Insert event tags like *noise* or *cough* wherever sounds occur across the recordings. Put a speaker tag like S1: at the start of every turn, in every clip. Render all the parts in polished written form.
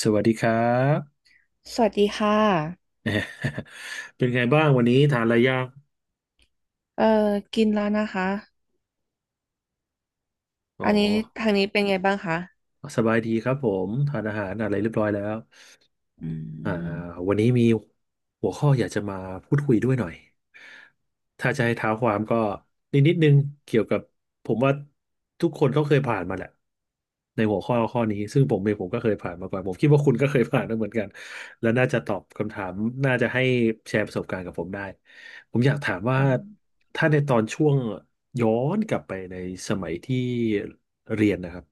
S1: สวัสดีครับ
S2: สวัสดีค่ะ
S1: *laughs* เป็นไงบ้างวันนี้ทานอะไรยัง
S2: เอ่อกินแล้วนะคะ
S1: อ๋อ
S2: อันนี้ทางนี้เป็นไงบ้างคะ
S1: สบายดีครับผมทานอาหารอะไรเรียบร้อยแล้วอ่าวันนี้มีหัวข้ออยากจะมาพูดคุยด้วยหน่อยถ้าจะให้เท้าความก็นิดนึงเกี่ยวกับผมว่าทุกคนก็เคยผ่านมาแหละในหัวข้อข้อนี้ซึ่งผมเองผมก็เคยผ่านมาก่อนผมคิดว่าคุณก็เคยผ่านมาเหมือนกันและน่าจะตอบคำถามน่าจะให้แชร์ประสบการณ์กับผมได้ผมอยากถามว่า
S2: อืม
S1: ถ้าในตอนช่วง ย้อนกลับไปในสมัยที่เรียนนะครับ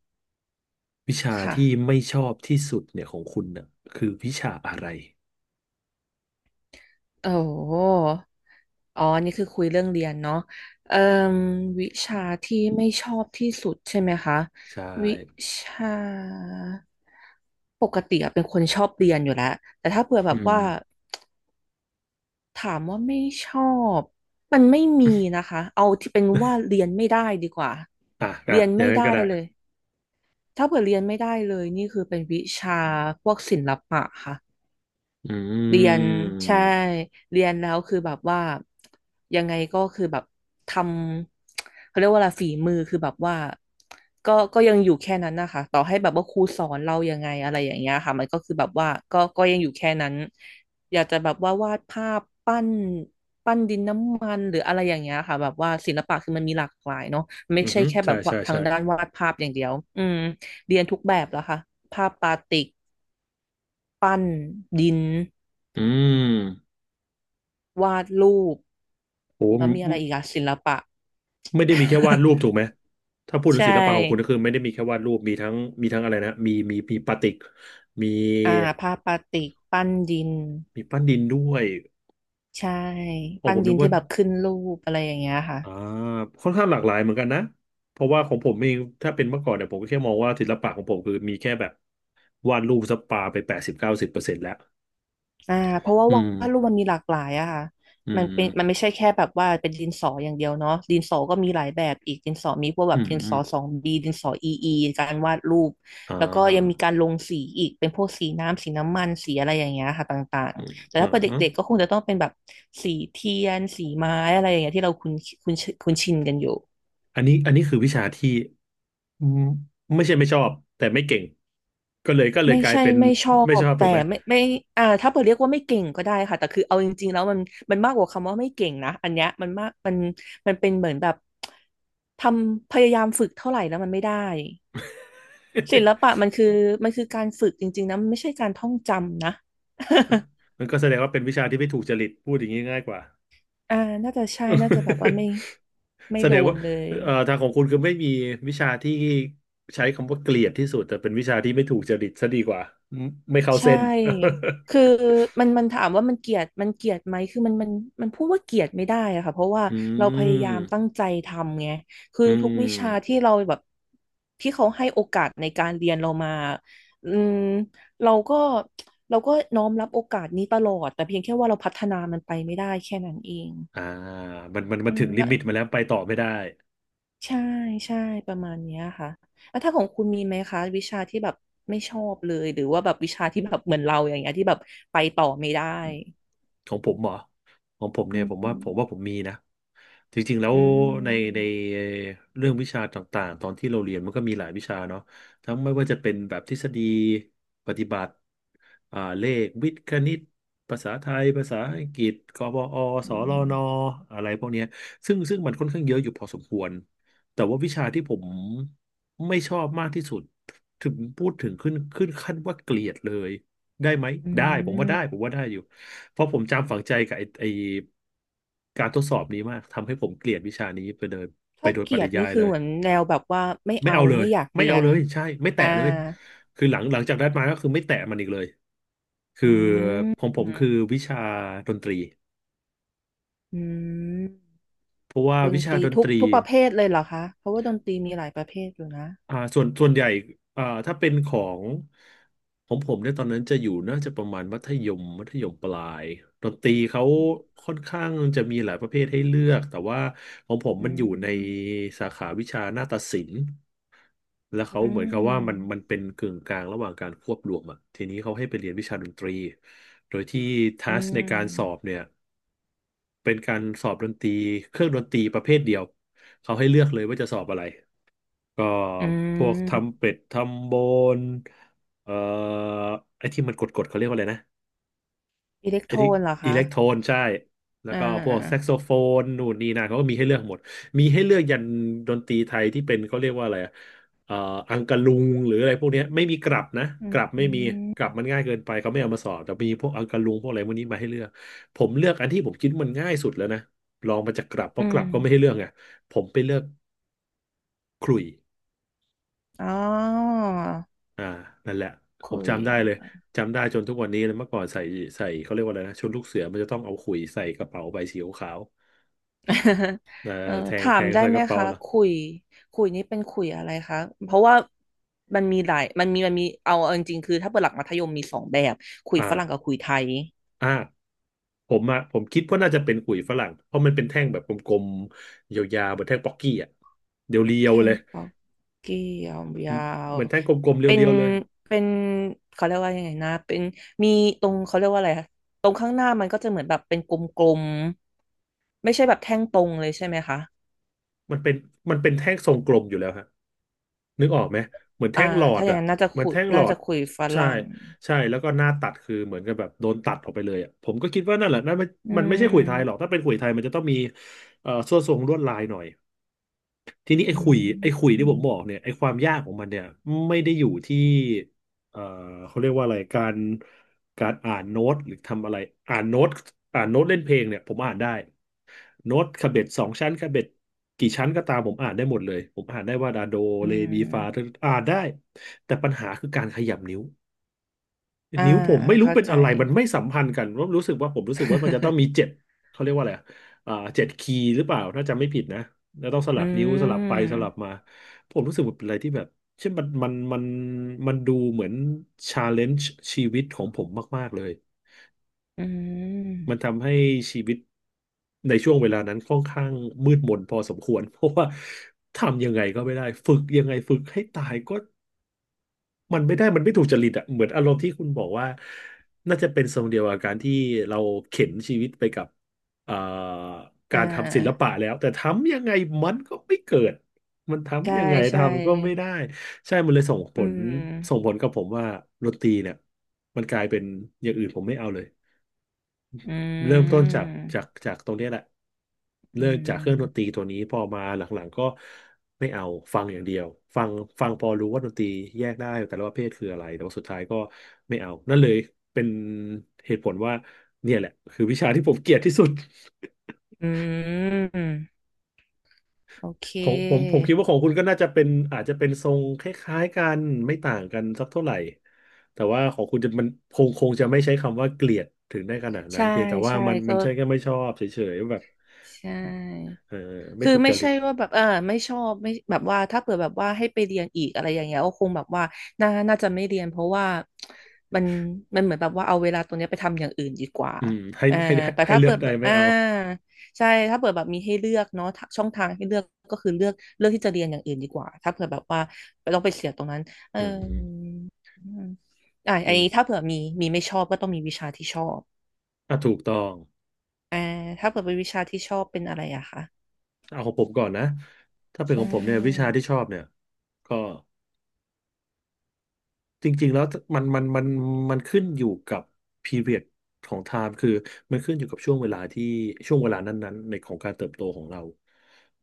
S1: วิชาที่
S2: ค่ะ
S1: ไม่ชอบที่สุดเนี่ยของคุณน่ะคือวิชาอะไร
S2: โอ้โหอ๋อนี่คือคุยเรื่องเรียนเนาะเอ่มวิชาที่ไม่ชอบที่สุดใช่ไหมคะ
S1: ใช่
S2: วิชาปกติอะเป็นคนชอบเรียนอยู่แล้วแต่ถ้าเผื่อแบ
S1: อื
S2: บ
S1: ม
S2: ว่าถามว่าไม่ชอบ มันไม่มีนะคะ เอาที่เป็นว่าเรียนไม่ได้ดีกว่า
S1: อ่ะอ่ะ
S2: เรียน
S1: อย่าง
S2: ไม่
S1: นั้น
S2: ได้
S1: ก็ได้
S2: เลย ถ้าเผื่อเรียนไม่ได้เลยนี่คือเป็นวิชาพวกศิลปะค่ะ
S1: อื
S2: เรียนใช่
S1: ม
S2: เรียนแล้วคือแบบว่ายังไงก็คือแบบทำเขาเรียกว่าอะไรฝีมือคือแบบว่าก็ยังอยู่แค่นั้นนะคะต่อให้แบบว่าครูสอนเรายังไงอะไรอย่างเงี้ยค่ะมันก็คือแบบว่าก็ยังอยู่แค่นั้นอยากจะแบบว่าวาดภาพปั้นปั้นดินน้ำมันหรืออะไรอย่างเงี้ยค่ะแบบว่าศิลปะคือมันมีหลากหลายเนาะไม่
S1: อือ
S2: ใช่
S1: ฮึ
S2: แค่แบ
S1: ใช่
S2: บว่า
S1: ใช่
S2: ทา
S1: ใช่
S2: งด้านวาดภาพอย่างเดียวอืมเรียนทุกแบบแล้วค่ะภาพปาติกปั้นดิน
S1: อืม
S2: วาดรูป
S1: โห
S2: แล้วมีอะไร
S1: ไม่
S2: อีกอะศิลปะ
S1: ไม่ได้มีแค่วาด
S2: *laughs*
S1: รูปถูกไหมถ้าพูดถึ
S2: ใช
S1: งศิลปะของคุณก็
S2: ่
S1: คือไม่ได้มีแค่วาดรูปมีทั้งอะไรนะมีปาติกมี
S2: อ่าผ้าปาติกปั้นดิน
S1: มีปั้นดินด้วย
S2: ใช่
S1: โอ้
S2: ปั้
S1: ผ
S2: น
S1: ม
S2: ดิ
S1: นึ
S2: น
S1: กว่า
S2: ที่แบบขึ้นรูปอะไรอย่างเงี้ยค่ะ
S1: อ่าค่อนข้างหลากหลายเหมือนกันนะเพราะว่าของผมเองถ้าเป็นเมื่อก่อนเนี่ยผมก็แค่มองว่าศิลปะของผมคือมีแค่แบบวาดรูปสปาไป80-90%แล้ว
S2: อ่าเพราะว่า
S1: อื
S2: ว
S1: ม
S2: าดรูปมันมีหลากหลายอะค่ะ
S1: อื
S2: มันเป็นมัน
S1: ม
S2: ไม่ใช่แค่แบบว่าเป็นดินสออย่างเดียวเนาะดินสอก็มีหลายแบบอีกดินสอมีพวกแบ
S1: อื
S2: บ
S1: ม
S2: ดิน
S1: อื
S2: ส
S1: ม
S2: อสองบีดินสออีการวาดรูป
S1: อ่
S2: แล้วก็ยังมี
S1: า
S2: การลงสีอีกเป็นพวกสีน้ำสีน้ำมันสีอะไรอย่างเงี้ยค่ะต่าง
S1: อืม
S2: ๆแต่
S1: อ่า
S2: ถ้าเป็น
S1: ฮะ
S2: เด็กๆก็คงจะต้องเป็นแบบสีเทียนสีไม้อะไรอย่างเงี้ยที่เราคุ้นคุ้นคุ้นชินกันอยู่
S1: อันนี้อันนี้คือวิชาที่อืมไม่ใช่ไม่ชอบแต่ไม่เก่งก็เลย
S2: ไม่
S1: กลาย
S2: ใช่
S1: เป็น
S2: ไม่ชอ
S1: ไม่ช
S2: บ
S1: อบถู
S2: แต่
S1: กไหม
S2: ไม่อ่าถ้าเปิดเรียกว่าไม่เก่งก็ได้ค่ะแต่คือเอาจริงๆแล้วมันมากกว่าคำว่าไม่เก่งนะอันเนี้ยมันมากมันเป็นเหมือนแบบทำพยายามฝึกเท่าไหร่แล้วมันไม่ได้ศิลปะ
S1: *laughs*
S2: มันคือการฝึกจริงๆนะมันไม่ใช่การท่องจำนะ
S1: มันก็แสดงว่าเป็นวิชาที่ไม่ถูกจริตพูดอย่างนี้ง่ายกว่า
S2: *laughs* อ่าน่าจะใช่น่าจะแบบว่าไม่
S1: *laughs*
S2: ไม่
S1: แส
S2: โด
S1: ดง
S2: น
S1: ว่า
S2: เลย
S1: ทางของคุณคือไม่มีวิชาที่ใช้คำว่าเกลียดที่สุดแต่เป็นวิชาที่ไม่ถูกจริตซะดีกว่าไม่ไม่เข้า
S2: ใช่
S1: เส้น
S2: คือ
S1: *laughs*
S2: มันถามว่ามันเกลียดมันเกลียดไหมคือมันพูดว่าเกลียดไม่ได้อะค่ะเพราะว่า
S1: อื
S2: เราพยายา
S1: ม
S2: มตั้งใจทำไงคือ
S1: อื
S2: ทุกวิชา
S1: ม
S2: ที่เราแบบที่เขาให้โอกาสในการเรียนเรามาอืมเราก็เราก็น้อมรับโอกาสนี้ตลอด แต่เพียงแค่ว่าเราพัฒนามันไปไม่ได้แค่นั้นเอง
S1: อ่ามันมันมั
S2: อื
S1: นถึง
S2: ม
S1: ลิมิตมาแล้วไปต่อไม่ได้
S2: ใช่ใช่ประมาณเนี้ยค่ะแล้วถ้าของคุณมีไหมคะวิชาที่แบบไม่ชอบเลยหรือว่าแบบวิชาที่แบบเหมือนเราอย่างเงี้ยที่แบบไปต่อไม่ได้
S1: ของผมเหรอของผม
S2: อื
S1: เนี่ยผมว่า
S2: ม
S1: ผมว่าผมมีนะจริงๆแล้ว
S2: อื
S1: ในใน
S2: ม
S1: เรื่องวิชาต่างๆตอนที่เราเรียนมันก็มีหลายวิชาเนาะทั้งไม่ว่าจะเป็นแบบทฤษฎีปฏิบัติเลขวิทย์คณิตภาษาไทยภาษาอังกฤษกบอส
S2: อื
S1: ลน
S2: ม
S1: อะไรพวกเนี้ยซึ่งมันค่อนข้างเยอะอยู่พอสมควรแต่ว่าวิชาที่ผมไม่ชอบมากที่สุดถึงพูดถึงขึ้นขึ้นขั้นว่าเกลียดเลยได้ไหม
S2: อื
S1: ได้ผมว่า
S2: ม
S1: ได้ผมว่าได้อยู่ เพราะผมจำฝังใจกับไอ้การทดสอบนี้มากทำให้ผมเกลียดวิชานี้ไปเลยไป
S2: ถ้า
S1: โดย
S2: เก
S1: ป
S2: ลีย
S1: ริ
S2: ด
S1: ยา
S2: นี่
S1: ย
S2: คื
S1: เล
S2: อ
S1: ย
S2: เหมือนแนวแบบว่าไม่
S1: ไม่
S2: เอา
S1: เอาเลย
S2: ไม่อยาก
S1: ไม่
S2: เรี
S1: เอา
S2: ยน
S1: เลยใช่ไม่แตะ
S2: อ่า
S1: เลยคือหลังจากได้มาก็คือไม่แตะมันอีกเลยคื
S2: อื
S1: อ
S2: ม
S1: ผมผ
S2: อ
S1: มคือวิชาดนตรี
S2: ืม
S1: เพราะว่า
S2: ดน
S1: วิชา
S2: ตรี
S1: ดนต
S2: ทุก
S1: รี
S2: ทุกประเภทเลยเหรอคะเพราะว่าดนตรีมีหลายประเภทอยู่นะ
S1: ส่วนใหญ่ถ้าเป็นของผมเนี่ยตอนนั้นจะอยู่น่าจะประมาณมัธยมปลายดนตรีเขา
S2: อ
S1: ค่อนข้างจะมีหลายประเภทให้เลือกแต่ว่าของผม
S2: ื
S1: มันอยู่ใน
S2: ม
S1: สาขาวิชานาฏศิลป์แล้วเขา
S2: อื
S1: เหมือนกับว่ามัน
S2: ม
S1: มันเป็นกึ่งกลางระหว่างการควบรวมอ่ะทีนี้เขาให้ไปเรียนวิชาดนตรีโดยที่ทั
S2: อื
S1: สในการสอบ
S2: ม
S1: เนี่ยเป็นการสอบดนตรีเครื่องดนตรีประเภทเดียวเขาให้เลือกเลยว่าจะสอบอะไร ก็
S2: อื
S1: พวก
S2: ม
S1: ทำเป็ดทำโบนเอ่อไอ้ที่มันกดๆเขาเรียกว่าอะไรนะ
S2: อิเล็ก
S1: ไอ้
S2: โทร
S1: ที่
S2: นเหรอ
S1: อิ
S2: คะ
S1: เล็กโทรนใช่แล้ว
S2: อ่
S1: ก็พวกแซก
S2: า
S1: โซโฟนนู่นนี่นั่นเขาก็มีให้เลือกหมดมีให้เลือกยันดนตรีไทยที่เป็นเขาเรียกว่าอะไรอะเอ่ออังกะลุงหรืออะไรพวกเนี้ยไม่มีกลับนะ
S2: อื
S1: ก
S2: ม
S1: ลับ
S2: อื
S1: ไม่มีกลับ
S2: ม
S1: มันง่ายเกินไปเขาไม่เอามาสอนแต่มีพวกอังกะลุงพวกอะไรพวกนี้มาให้เลือกผมเลือกอันที่ผมคิดมันง่ายสุดแล้วนะลองมาจากกลับเพ
S2: อื
S1: ราะกลั
S2: ม
S1: บก็ไม่ให้เลือกไงผมไปเลือกขลุ่ย
S2: อ๋อ
S1: อ่านั่นแหละผม
S2: คุย
S1: จำได้เลยจำได้จนทุกวันนี้เลยเมื่อก่อนใส่เขาเรียกว่าอะไรนะชุดลูกเสือมันจะต้องเอาขุยใส่กระเป๋าใบสีขาวๆ
S2: *laughs* เอ่อ
S1: แทง
S2: ถา
S1: แท
S2: ม
S1: ง
S2: ได้
S1: ใส่
S2: ไห
S1: ก
S2: ม
S1: ระเป๋า
S2: คะ
S1: เหรอ
S2: คุย คุยนี่เป็นคุยอะไรคะ เพราะว่ามันมีหลายมันมีเอาจริงๆคือถ้าเปิดหลักมัธยมมีสองแบบคุยฝรั่งกับ
S1: อ่า
S2: คุยไทย
S1: อ่าผมอะผมคิดว่าน่าจะเป็นขุยฝรั่งเพราะมันเป็นแท่งแบบกลมๆยาวๆเหมือนแท่งป๊อกกี้อะเรีย
S2: แท
S1: วๆเล
S2: ง
S1: ย
S2: ปักเกี่ยวยาว
S1: เหมือนแท่งกลมๆ
S2: เป็น
S1: เรียวๆเลย
S2: เป็นเขาเรียกว่ายังไงนะเป็นมีตรงเขาเรียกว่าอะไรคะตรงข้างหน้ามันก็จะเหมือนแบบเป็นกลม ไม่ใช่แบบแท่งตรงเลยใช่ไหมคะ
S1: มันเป็นมันเป็นแท่งทรงกลมอยู่แล้วฮะ นึกออกไหมเหมือน
S2: อ่า
S1: แท่งหลอด
S2: ถ้าอย่าง
S1: อ่ะ
S2: นั้นน่าจะ
S1: เหมือน
S2: คุย
S1: แท่งหล
S2: น่า
S1: อ
S2: จะ
S1: ด
S2: คุยฝ
S1: ใช่
S2: รั่ง
S1: ใช่แล้วก็หน้าตัดคือเหมือนกับแบบโดนตัดออกไปเลยอ่ะผมก็คิดว่านั่นแหละนั่นมัน
S2: อื
S1: มันไม่ใช่ขุยไทยหรอก
S2: ม
S1: ถ้าเป็นขุยไทยมันจะต้องมีส่วนทรงลวดลายหน่อยทีนี้ไอ้
S2: อื
S1: ขุ
S2: ม
S1: ยไอ้ขุย
S2: อื
S1: ที่ผ
S2: ม
S1: มบอกเนี่ยไอ้ความยากของมันเนี่ยไม่ได้อยู่ที่เอ่อเขาเรียกว่าอะไรการอ่านโน้ตหรือทำอะไรอ่านโน้ตอ่านโน้ตเล่นเพลงเนี่ยผมอ่านได้ โน้ตคาเบ็ดสองชั้นคาเบ็ดกี่ชั้นก็ตามผมอ่านได้หมดเลยผมอ่านได้ว่าดาโด
S2: อื
S1: เรมีฟา
S2: ม
S1: อ่านได้แต่ปัญหาคือการขยับนิ้ว
S2: อ่า
S1: นิ้วผม
S2: อ่า
S1: ไม่รู้
S2: เข้า
S1: เป็น
S2: ใจ
S1: อะไรมันไม่สัมพันธ์กันผมรู้สึกว่ามันจะต้องมีเจ็
S2: *laughs*
S1: ดเขาเรียกว่าอะไรอะอ่าเจ็ดคีย์หรือเปล่าถ้าจำไม่ผิดนะแล้วต้องส
S2: อื
S1: ลับนิ้วสลับไปสลับ
S2: ม
S1: มาผมรู้สึกว่าเป็นอะไรที่แบบเช่นมันมันดูเหมือนชาเลนจ์ชีวิตของผมมากๆเลย
S2: อื
S1: มัน
S2: ม
S1: ทำให้ชีวิตในช่วงเวลานั้นค่อนข้างมืดมนพอสมควร *laughs* เพราะว่าทำยังไงก็ไม่ได้ฝึกยังไงฝึกให้ตายก็มันไม่ได้มันไม่ถูกจริตอะเหมือนอารมณ์ที่คุณบอกว่าน่าจะเป็นทรงเดียวกับการที่เราเข็นชีวิตไปกับเอ่อ
S2: อ่
S1: การทำศิล
S2: า
S1: ปะแล้วแต่ทำยังไงมันก็ไม่เกิดมัน
S2: ใช่
S1: ทำยังไง
S2: ใช่
S1: ทำก็ไม่ได้ใช่มันเลยส่งผ
S2: อื
S1: ลส่ง
S2: ม
S1: ผลกับผมว่าดนตรีเนี่ยมันกลายเป็นอย่างอื่นผมไม่เอาเลย
S2: อื
S1: เริ่มต้นจา
S2: ม
S1: กจากตรงเนี้ยแหละ
S2: อื
S1: เริ่มจากเครื่องดนตรี
S2: ม
S1: ตัวนี้พอมาหลังๆก็ไม่เอาฟังอย่างเดียวฟังฟังพอรู้ว่าดนตรีแยกได้แต่ละประเภทคืออะไรแต่ว่าสุดท้ายก็ไม่เอานั่นเลยเป็นเหตุผลว่าเนี่ยแหละคือวิชาที่ผมเกลียดที่สุด *laughs*
S2: อืมโอเค
S1: ของผมผมคิดว่าของคุณก็น่าจะเป็นอาจจะเป็นทรงคล้ายๆกันไม่ต่างกันสักเท่าไหร่แต่ว่าของคุณจะมันคงจะไม่ใช้คำว่าเกลียดถึงได้ขนาดนั้น
S2: ใช่
S1: เพียงแต่ว่า
S2: ใช่
S1: มันมั
S2: ก็
S1: นใช่แค่ไม่ชอบเฉยๆแบบ
S2: ใช่
S1: เออไม่
S2: คือ
S1: ถูกจ
S2: ไม่
S1: ริ
S2: ใช่
S1: ต
S2: ว่าแบบเออไม่ชอบไม่แบบว่าถ้าเปิดแบบว่าให้ไปเรียนอีกอะไรอย่างเงี้ยก็คงแบบว่าน่าจะไม่เรียนเพราะว่ามันมันเหมือนแบบว่าเอาเวลาตรงเนี้ยไปทำอย่างอื่นดีกว่า
S1: อืมให้
S2: อ่า
S1: ให้ให้
S2: แต่
S1: ให้
S2: ถ้า
S1: เลื
S2: เปิ
S1: อก
S2: ด
S1: ได้ไม่
S2: อ่า
S1: เอา
S2: ใช่ถ้าเปิดแบบมีให้เลือกเนาะถ้าช่องทางให้เลือกก็คือเลือกที่จะเรียนอย่างอื่นดีกว่าถ้าเผื่อแบบว่าเราไปเสียตรงนั้นเออ
S1: อืม
S2: อืมอ่า
S1: อื
S2: อัน
S1: ม
S2: นี้ถ้าเผื่อมีมีไม่ชอบก็ต้องมีวิชาที่ชอบ
S1: อ่ะถูกต้อง
S2: อ่าถ้าเผื่อเป็นวิชาที่ชอบเป็นอะไรอะคะ
S1: เอาของผมก่อนนะถ้าเป็น
S2: ใช
S1: ของผมเนี่ยวิชา
S2: ่
S1: ที่ชอบเนี่ยก็ จริงๆแล้วมันมันขึ้นอยู่กับ period ของ time คือมันขึ้นอยู่กับช่วงเวลาที่ช่วงเวลานั้นๆในของการเติบโตของเรา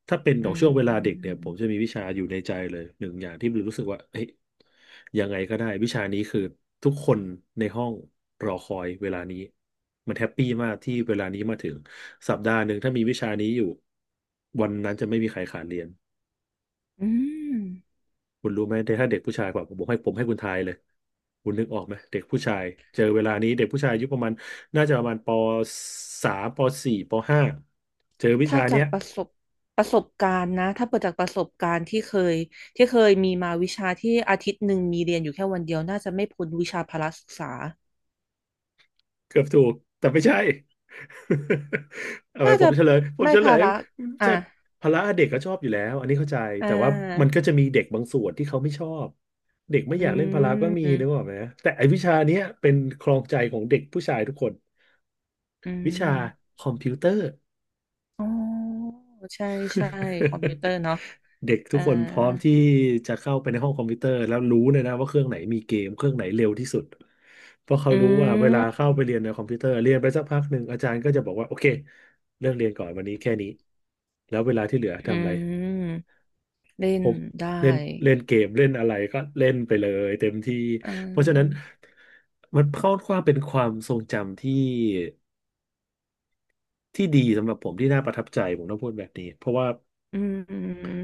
S1: ถ้าเป็นข
S2: อื
S1: องช่วงเวลาเด็กเนี่ย
S2: ม
S1: ผมจะมีวิชาอยู่ในใจเลยหนึ่งอย่างที่รู้สึกว่าเฮ้ยยังไงก็ได้วิชานี้คือทุกคนในห้องรอคอยเวลานี้มันแฮปปี้มากที่เวลานี้มาถึงสัปดาห์หนึ่งถ้ามีวิชานี้อยู่วันนั้นจะไม่มีใครขาดเรียน
S2: อืม
S1: คุณรู้ไหมถ้าเด็กผู้ชายกว่าผมให้คุณทายเลยคุณนึกออกไหมเด็กผู้ชายเจอเวลานี้เด็กผู้ชายอายุประมาณน่าจะประมาณปสามปสี่ปห้าเจอวิ
S2: ถ้า
S1: ชา
S2: จา
S1: เนี้
S2: ก
S1: ย
S2: ประสบการณ์นะถ้าเปิดจากประสบการณ์ที่เคยมีมาวิชาที่อาทิตย์หนึ่งมีเรียนอยู่แค่วันเดียวน่าจะไม่พ้นวิชาพละศึกษา
S1: เกือบถูกแต่ไม่ใช่ *laughs* เออ
S2: น่า
S1: ผ
S2: จะ
S1: มเฉลยผม
S2: ไม่
S1: เฉ
S2: พ
S1: ลย
S2: ละอ่ะ
S1: ใช่พละเด็กก็ชอบอยู่แล้วอันนี้เข้าใจ
S2: อ่
S1: แต่ว่ามัน
S2: า
S1: ก็จะมีเด็กบางส่วนที่เขาไม่ชอบเด็กไม่
S2: อื
S1: อยากเล่นพละก็มีนึกอ
S2: ม
S1: อกไหมแต่ไอ้วิชาเนี้ยเป็นครองใจของเด็กผู้ชายทุกคน
S2: อื
S1: วิชา
S2: ม
S1: คอมพิวเตอร์
S2: อ๋อใช่ใช่คอมพิว
S1: *laughs*
S2: เตอร์เนาะ
S1: เด็กทุก
S2: อ่า
S1: คนพร้อมที่จะเข้าไปในห้องคอมพิวเตอร์แล้วรู้เลยนะว่าเครื่องไหนมีเกมเครื่องไหนเร็วที่สุดเพราะเขารู้ว่าเวลาเข้าไปเรียนในคอมพิวเตอร์เรียนไปสักพักหนึ่งอาจารย์ก็จะบอกว่าโอเคเรื่องเรียนก่อนวันนี้แค่นี้แล้วเวลาที่เหลือ
S2: อื
S1: ทำอะไร
S2: มเล่
S1: ผ
S2: น
S1: ม
S2: ได้
S1: เล่นเล่นเกมเล่นอะไรก็เล่นไปเลยเต็มที่
S2: อ่
S1: เพราะฉะนั้น
S2: า
S1: มันค่อนข้างเป็นความทรงจำที่ที่ดีสำหรับผมที่น่าประทับใจผมต้องพูดแบบนี้เพราะว่า
S2: อืม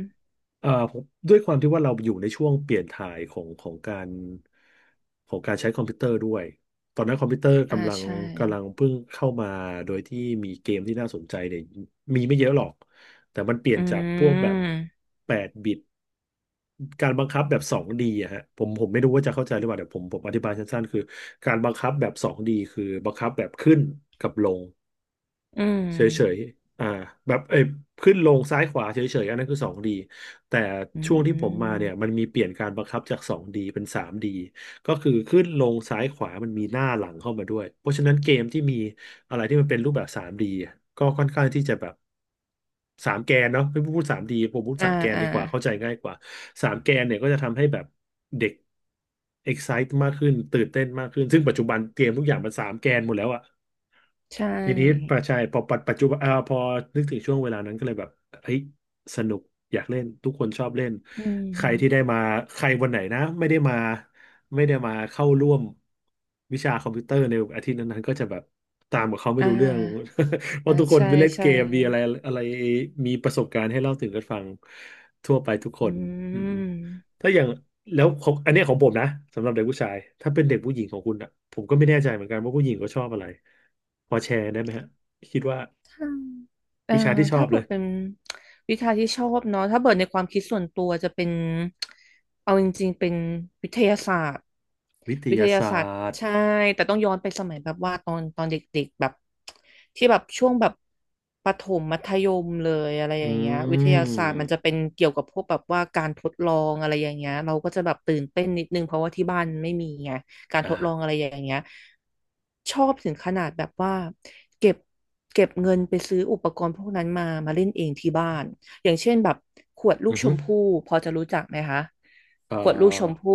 S1: ผมด้วยความที่ว่าเราอยู่ในช่วงเปลี่ยนถ่ายของการของการใช้คอมพิวเตอร์ด้วยตอนนั้นคอมพิวเตอร์
S2: อ่า
S1: กำลัง
S2: ใช่
S1: กำลังเพิ่งเข้ามาโดยที่มีเกมที่น่าสนใจเนี่ยมีไม่เยอะหรอกแต่มันเปลี่ยน
S2: อื
S1: จากพวกแบบ
S2: ม
S1: 8 บิตการบังคับแบบ 2D อะฮะผมไม่รู้ว่าจะเข้าใจหรือเปล่าเดี๋ยวผมอธิบายสั้นๆคือการบังคับแบบ 2D คือบังคับแบบขึ้นกับลง
S2: อืม
S1: เฉยๆ อ่าแบบเอ้ยขึ้นลงซ้ายขวาเฉยๆอันนั้นคือ 2D แต่
S2: อื
S1: ช่วงที่ผมมาเนี่ยมั
S2: ม
S1: นมีเปลี่ยนการบังคับจาก 2D เป็น 3D ก็คือขึ้นลงซ้ายขวามันมีหน้าหลังเข้ามาด้วยเพราะฉะนั้นเกมที่มีอะไรที่มันเป็นรูปแบบ 3D อะก็ค่อนข้างที่จะแบบสามแกนเนาะไม่พูด 3D ผมพูด
S2: อ่า
S1: สามแกน
S2: อ่า
S1: ดีกว่าเข้าใจง่ายกว่าสามแกนเนี่ยก็จะทำให้แบบเด็ก excite มากขึ้นตื่นเต้นมากขึ้นซึ่งปัจจุบันเกมทุกอย่างมันสามแกนหมดแล้วอะ
S2: ใช
S1: ทีนี้ป
S2: ่
S1: ระชายพอปัจจุบันพอนึกถึงช่วงเวลานั้นก็เลยแบบเฮ้ยสนุกอยากเล่นทุกคนชอบเล่น
S2: อื
S1: ใครที่ได้
S2: ม
S1: มาใครวันไหนนะไม่ได้มาไม่ได้มาเข้าร่วมวิชาคอมพิวเตอร์ในอาทิตย์นั้นๆก็จะแบบตามกับเขาไม่
S2: อ่า
S1: รู้เรื่อง *laughs* เพ
S2: อ่า
S1: ราะทุกคน
S2: ใช่
S1: ไปเล่นเก
S2: ใช่
S1: มมีอะไรอะไรมีประสบการณ์ให้เล่าถึงกันฟังทั่วไปทุกค
S2: อื
S1: นอืม ถ้าอย่างแล้วของอันเนี้ยของผมนะสำหรับเด็กผู้ชายถ้าเป็นเด็กผู้หญิงของคุณอ่ะผมก็ไม่แน่ใจเหมือนกันว่าผู้หญิงก็ชอบอะไรพอแชร์ได้ไหมฮะคิดว่า
S2: ม เอ่อ
S1: วิชาที่ชอ
S2: ถ้า
S1: บ
S2: เปิ
S1: เลย
S2: ดเป็น *tsk* วิชาที่ชอบเนาะถ้าเปิดในความคิดส่วนตัวจะเป็นเอาจริงๆเป็นวิทยาศาสตร์
S1: วิท
S2: วิท
S1: ยา
S2: ยา
S1: ศา
S2: ศาสตร์
S1: สตร์
S2: ใช่แต่ต้องย้อนไปสมัยแบบว่าตอนเด็กๆแบบที่แบบช่วงแบบประถมมัธยมเลยอะไร
S1: อื
S2: อย่างเงี้ยวิทยาศาสตร์มันจะเป็
S1: ม
S2: นเกี่ยวกับพวกแบบว่าการทดลองอะไรอย่างเงี้ยเราก็จะแบบตื่นเต้นนิดนึงเพราะว่าที่บ้านไม่มีไง การ
S1: อ่า
S2: ทดลองอะไรอย่างเงี้ยชอบถึงขนาดแบบว่าเก็บเก็บเงินไปซื้ออุปกรณ์พวกนั้นมาเล่นเองที่บ้านอย่างเช่นแบบขวดลู
S1: อื
S2: ก
S1: อ
S2: ช
S1: ฮึ
S2: มพู่พอจะรู้จักไหมคะ
S1: เอ่
S2: ขวดลูกชม
S1: อ
S2: พู่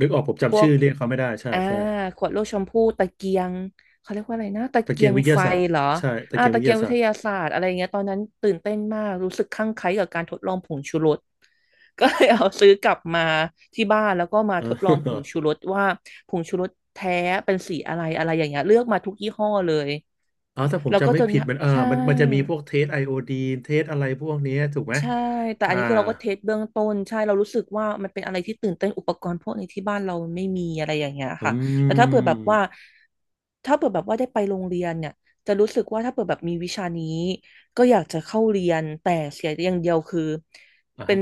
S1: นึกออกผม
S2: พ
S1: จำ
S2: ว
S1: ชื่
S2: ก
S1: อเรียกเขาไม่ได้ใช่
S2: อ่า
S1: ใช่
S2: ขวดลูกชมพู่ตะเกียงเขาเรียกว่าอะไรนะตะ
S1: ตะเกี
S2: เกี
S1: ย
S2: ย
S1: ง
S2: ง
S1: วิท
S2: ไฟ
S1: ยาศาสตร์
S2: เหรอ
S1: ใช่ตะเกียง
S2: ตะ
S1: วิท
S2: เกีย
S1: ยา
S2: งวิ
S1: ศาส
S2: ท
S1: ตร์
S2: ยาศาสตร์อะไรเงี้ยตอนนั้นตื่นเต้นมากรู้สึกคลั่งไคล้กับการทดลองผงชูรส ก็ *laughs* เลยเอาซื้อกลับมาที่บ้านแล้วก็มา
S1: เอ
S2: ทดลองผง
S1: อ *laughs*
S2: ชูรสว่าผงชูรสแท้เป็นสีอะไรอะไรอย่างเงี้ยเลือกมาทุกยี่ห้อเลย
S1: อ๋อถ้าผม
S2: แล้วก็
S1: จำไม่
S2: จน
S1: ผิดมันอ่า
S2: ใช่
S1: มันมันจะมีพวกเทสไอโอดีนเทสอะไรพวกเนี้ยถูกไหม
S2: ใช่แต่
S1: อ่า
S2: อันนี้คือเราก็เทสเบื้องต้นใช่เรารู้สึกว่ามันเป็นอะไรที่ตื่นเต้นอุปกรณ์พวกนี้ที่บ้านเราไม่มีอะไรอย่างเงี้ย
S1: อื
S2: ค่ะแล้ว
S1: ม
S2: ถ้าเผื่อแบบว่าได้ไปโรงเรียนเนี่ยจะรู้สึกว่าถ้าเผื่อแบบมีวิชานี้ก็อยากจะเข้าเรียนแต่เสียอย่างเดียวคือ
S1: อ่า
S2: เป็
S1: ฮะ
S2: น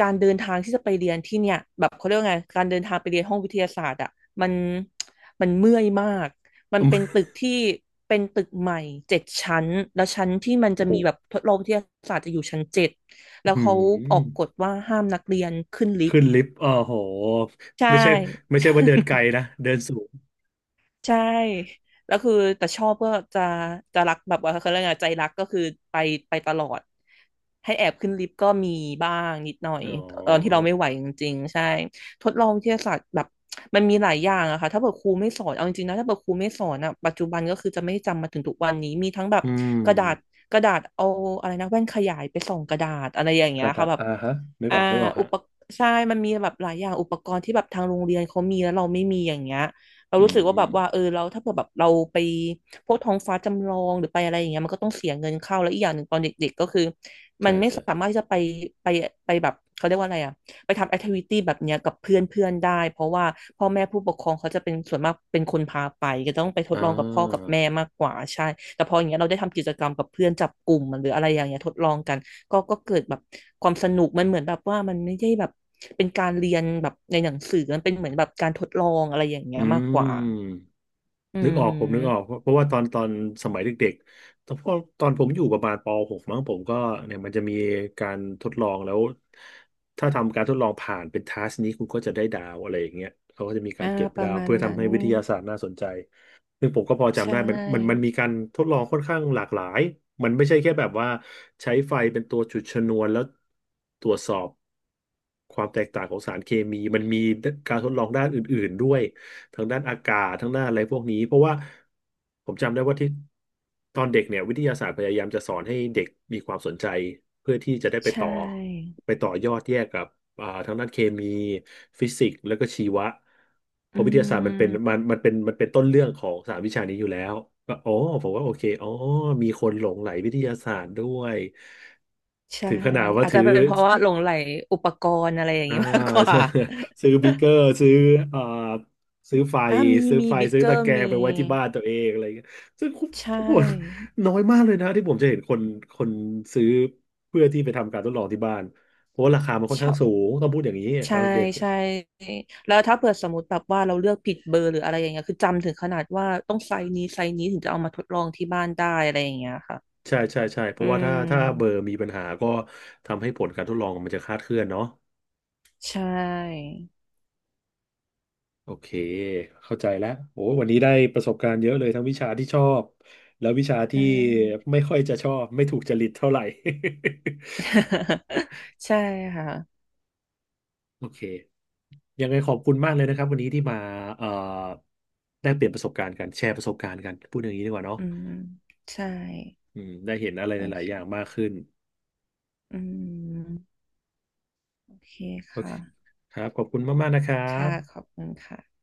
S2: การเดินทางที่จะไปเรียนที่เนี่ยแบบเขาเรียกว่าไงการเดินทางไปเรียนห้องวิทยาศาสตร์อ่ะมัน มันเมื่อยมาก มันเป็
S1: *laughs*
S2: นตึกที่เป็นตึกใหม่เจ็ดชั้น แล้วชั้นที่มัน
S1: โอ้
S2: จะ
S1: โห
S2: มีแบบทดลองวิทยาศาสตร์จะอยู่ชั้นเจ็ด แล้
S1: อื
S2: วเขาออก
S1: ม
S2: กฎว่าห้ามนักเรียนขึ้นลิฟ
S1: ขึ้
S2: ต์
S1: นลิฟต์อ๋อโห
S2: ใช่
S1: ไม่ใช่ ไม่ใช่ว่าเดินไกล
S2: *laughs*
S1: นะ เดินสูง
S2: ใช่แล้วคือแต่ชอบก็จะจะรักแบบว่าเขาเรียกไงใจรักก็คือไปไปตลอดให้แอบขึ้นลิฟต์ก็มีบ้างนิดหน่อย
S1: อ๋อ
S2: ตอนที่เราไม่ไหวจริงๆใช่ทดลองวิทยาศาสตร์แบบมันมีหลายอย่างอะค่ะถ้าเกิดครูไม่สอนเอาจริงๆนะถ้าเกิดครูไม่สอนอะปัจจุบันก็คือจะไม่จำมาถึงทุกวันนี้มีทั้งแบบ
S1: อื
S2: กระดาษ
S1: ม
S2: กระดาษเอาอะไรนะแว่นขยายไปส่องกระดาษอะไรอย่าง
S1: ก
S2: เงี้ย
S1: ระดา
S2: ค่ะ
S1: ษ
S2: แบบ
S1: อ่าฮะนึก
S2: อ่า
S1: ออกนึกออก
S2: อุ
S1: ฮะ
S2: ปใช่มันมีแบบหลายอย่างอุปกรณ์ที่แบบทางโรงเรียนเขามีแล้วเราไม่มีอย่างเงี้ย เรา
S1: อื
S2: รู้สึกว่าแบบว่าเอ
S1: ม
S2: อเราถ้าเผื่อแบบเราไปพวกท้องฟ้าจำลองหรือไปอะไรอย่างเงี้ยมันก็ต้องเสียเงินเข้าแล้วอีกอย่างหนึ่งตอนเด็กๆก็คือมั
S1: ใช่
S2: นไม่
S1: ใช่
S2: สามารถที่จะไปไปแบบเขาเรียกว่าอะไรอ่ะ ไปทำแอคทิวิตี้แบบเนี้ยกับเพื่อนเพื่อนได้เพราะว่าพ่อแม่ผู้ปกครองเขาจะเป็นส่วนมากเป็นคนพาไปก็ต้องไปท
S1: อ่
S2: ดลองกับพ่อกับ
S1: า
S2: แม่มากกว่าใช่แต่พออย่างเงี้ยเราได้ทำกิจกรรมกับเพื่อนจับกลุ่มหรืออะไรอย่างเงี้ยทดลองกันก็เกิดแบบความสนุกมันเหมือนแบบว่ามันไม่ได้แบบเป็นการเรียนแบบในหนังสือมันเป็นเหมือนแบบการทดลองอะไรอย่างเงี้
S1: อื
S2: ยมากก
S1: ม
S2: ว่าอื
S1: นึกออกผมนึกออก
S2: ม
S1: เพราะว่าตอนสมัยเด็กๆตอนพอตอนผมอยู่ประมาณปหกมั้งผมก็เนี่ยมันจะมีการทดลองแล้วถ้าทำการทดลองผ่านเป็นทัสนี้คุณก็จะได้ดาวอะไรอย่างเงี้ยเขาก็จะมีกา
S2: อ่า
S1: รเก็บ
S2: ป
S1: ดา
S2: ระ
S1: ว
S2: มาณ
S1: เพื่อ
S2: นั้
S1: ทำ
S2: น
S1: ให้วิทยาศาสตร์น่าสนใจซึ่งผมก็พอ
S2: ใช
S1: จำได้มัน
S2: ่
S1: มีการทดลองค่อนข้างหลากหลายมันไม่ใช่แค่แบบว่าใช้ไฟเป็นตัวจุดชนวนแล้วตรวจสอบความแตกต่างของสารเคมีมันมีการทดลองด้านอื่นๆด้วย ทางด้านอากาศทางด้านอะไรพวกนี้เพราะว่าผมจำได้ว่าที่ตอนเด็กเนี่ยวิทยาศาสตร์พยายามจะสอนให้เด็กมีความสนใจเพื่อที่จะได้ไป
S2: ใช
S1: ต่อ
S2: ่
S1: ไปต่อยอดแยกกับทางด้านเคมีฟิสิกส์แล้วก็ชีวะเพ
S2: อื
S1: ราะวิทยาศาสตร์มันเป็นมั
S2: ม
S1: นมันเป็นมันเป็นต้นเรื่องของสามวิชานี้อยู่แล้วก็อ๋อผมว่าโอเคอ๋อมีคนหลงใหลวิทยาศาสตร์ด้วย
S2: ใช่
S1: ถึงขนาดว่า
S2: อาจ
S1: ถื
S2: จะ
S1: อ
S2: เป็นเพราะว่าหลงใหลอุปกรณ์อะไรอย่าง
S1: อ่า
S2: นี้มากกว่า
S1: *laughs* ซื้อบีเกอร์
S2: *laughs*
S1: ซื้อเอ่อซื้อไฟ
S2: อ่ะมีมีบิ๊ก
S1: ซื้อ
S2: เก
S1: ตะ
S2: อร์
S1: แกร
S2: มี
S1: งไปไว้ที่บ้านตัวเองอะไรเงี้ยซึ่ง
S2: ใช
S1: ผม
S2: ่
S1: น้อยมากเลยนะที่ผมจะเห็นคนซื้อเพื่อที่ไปทำการทดลองที่บ้านเพราะว่าราคามันค่อน
S2: ช
S1: ข้า
S2: อ
S1: ง
S2: บ
S1: สูงต้องพูดอย่างนี้ต
S2: ใช่
S1: อนเด็ก
S2: ใช่แล้วถ้าเผื่อสมมติแบบว่าเราเลือกผิดเบอร์หรืออะไรอย่างเงี้ยคือจำถึงขนาดว่าต้องไซส์นี้ไซส์นี้ถึงจะเอามาทดลองที่บ้านได้อะไรอย่างเงี้ยค่ะ
S1: ใช่ใช่ใช่เพ
S2: อื
S1: ราะว่าถ้าเบอร์
S2: ม
S1: มีปัญหาก็ทำให้ผลการทดลองมันจะคลาดเคลื่อนเนาะ
S2: ใช่
S1: โอเคเข้าใจแล้วโอ้วันนี้ได้ประสบการณ์เยอะเลยทั้งวิชาที่ชอบแล้ววิชาที่
S2: ใช่
S1: ไม่ค่อยจะชอบไม่ถูกจริตเท่าไหร่ *laughs*
S2: *laughs* ใช่ค่ะ
S1: โอเคยังไงขอบคุณมากเลยนะครับวันนี้ที่มาเอ่อได้เปลี่ยนประสบการณ์กันแชร์ประสบการณ์กันพูดอย่างนี้ดีกว่าเนาะ
S2: อืมใช่
S1: อืมได้เห็นอะไร
S2: โอ
S1: หลา
S2: เค
S1: ยๆอย่างมากขึ้น
S2: อืมโอเค
S1: โอเค
S2: ค่ะ
S1: ครับขอบคุณมากๆนะครั
S2: ค่ะ
S1: บ
S2: ขอบคุณค่ะ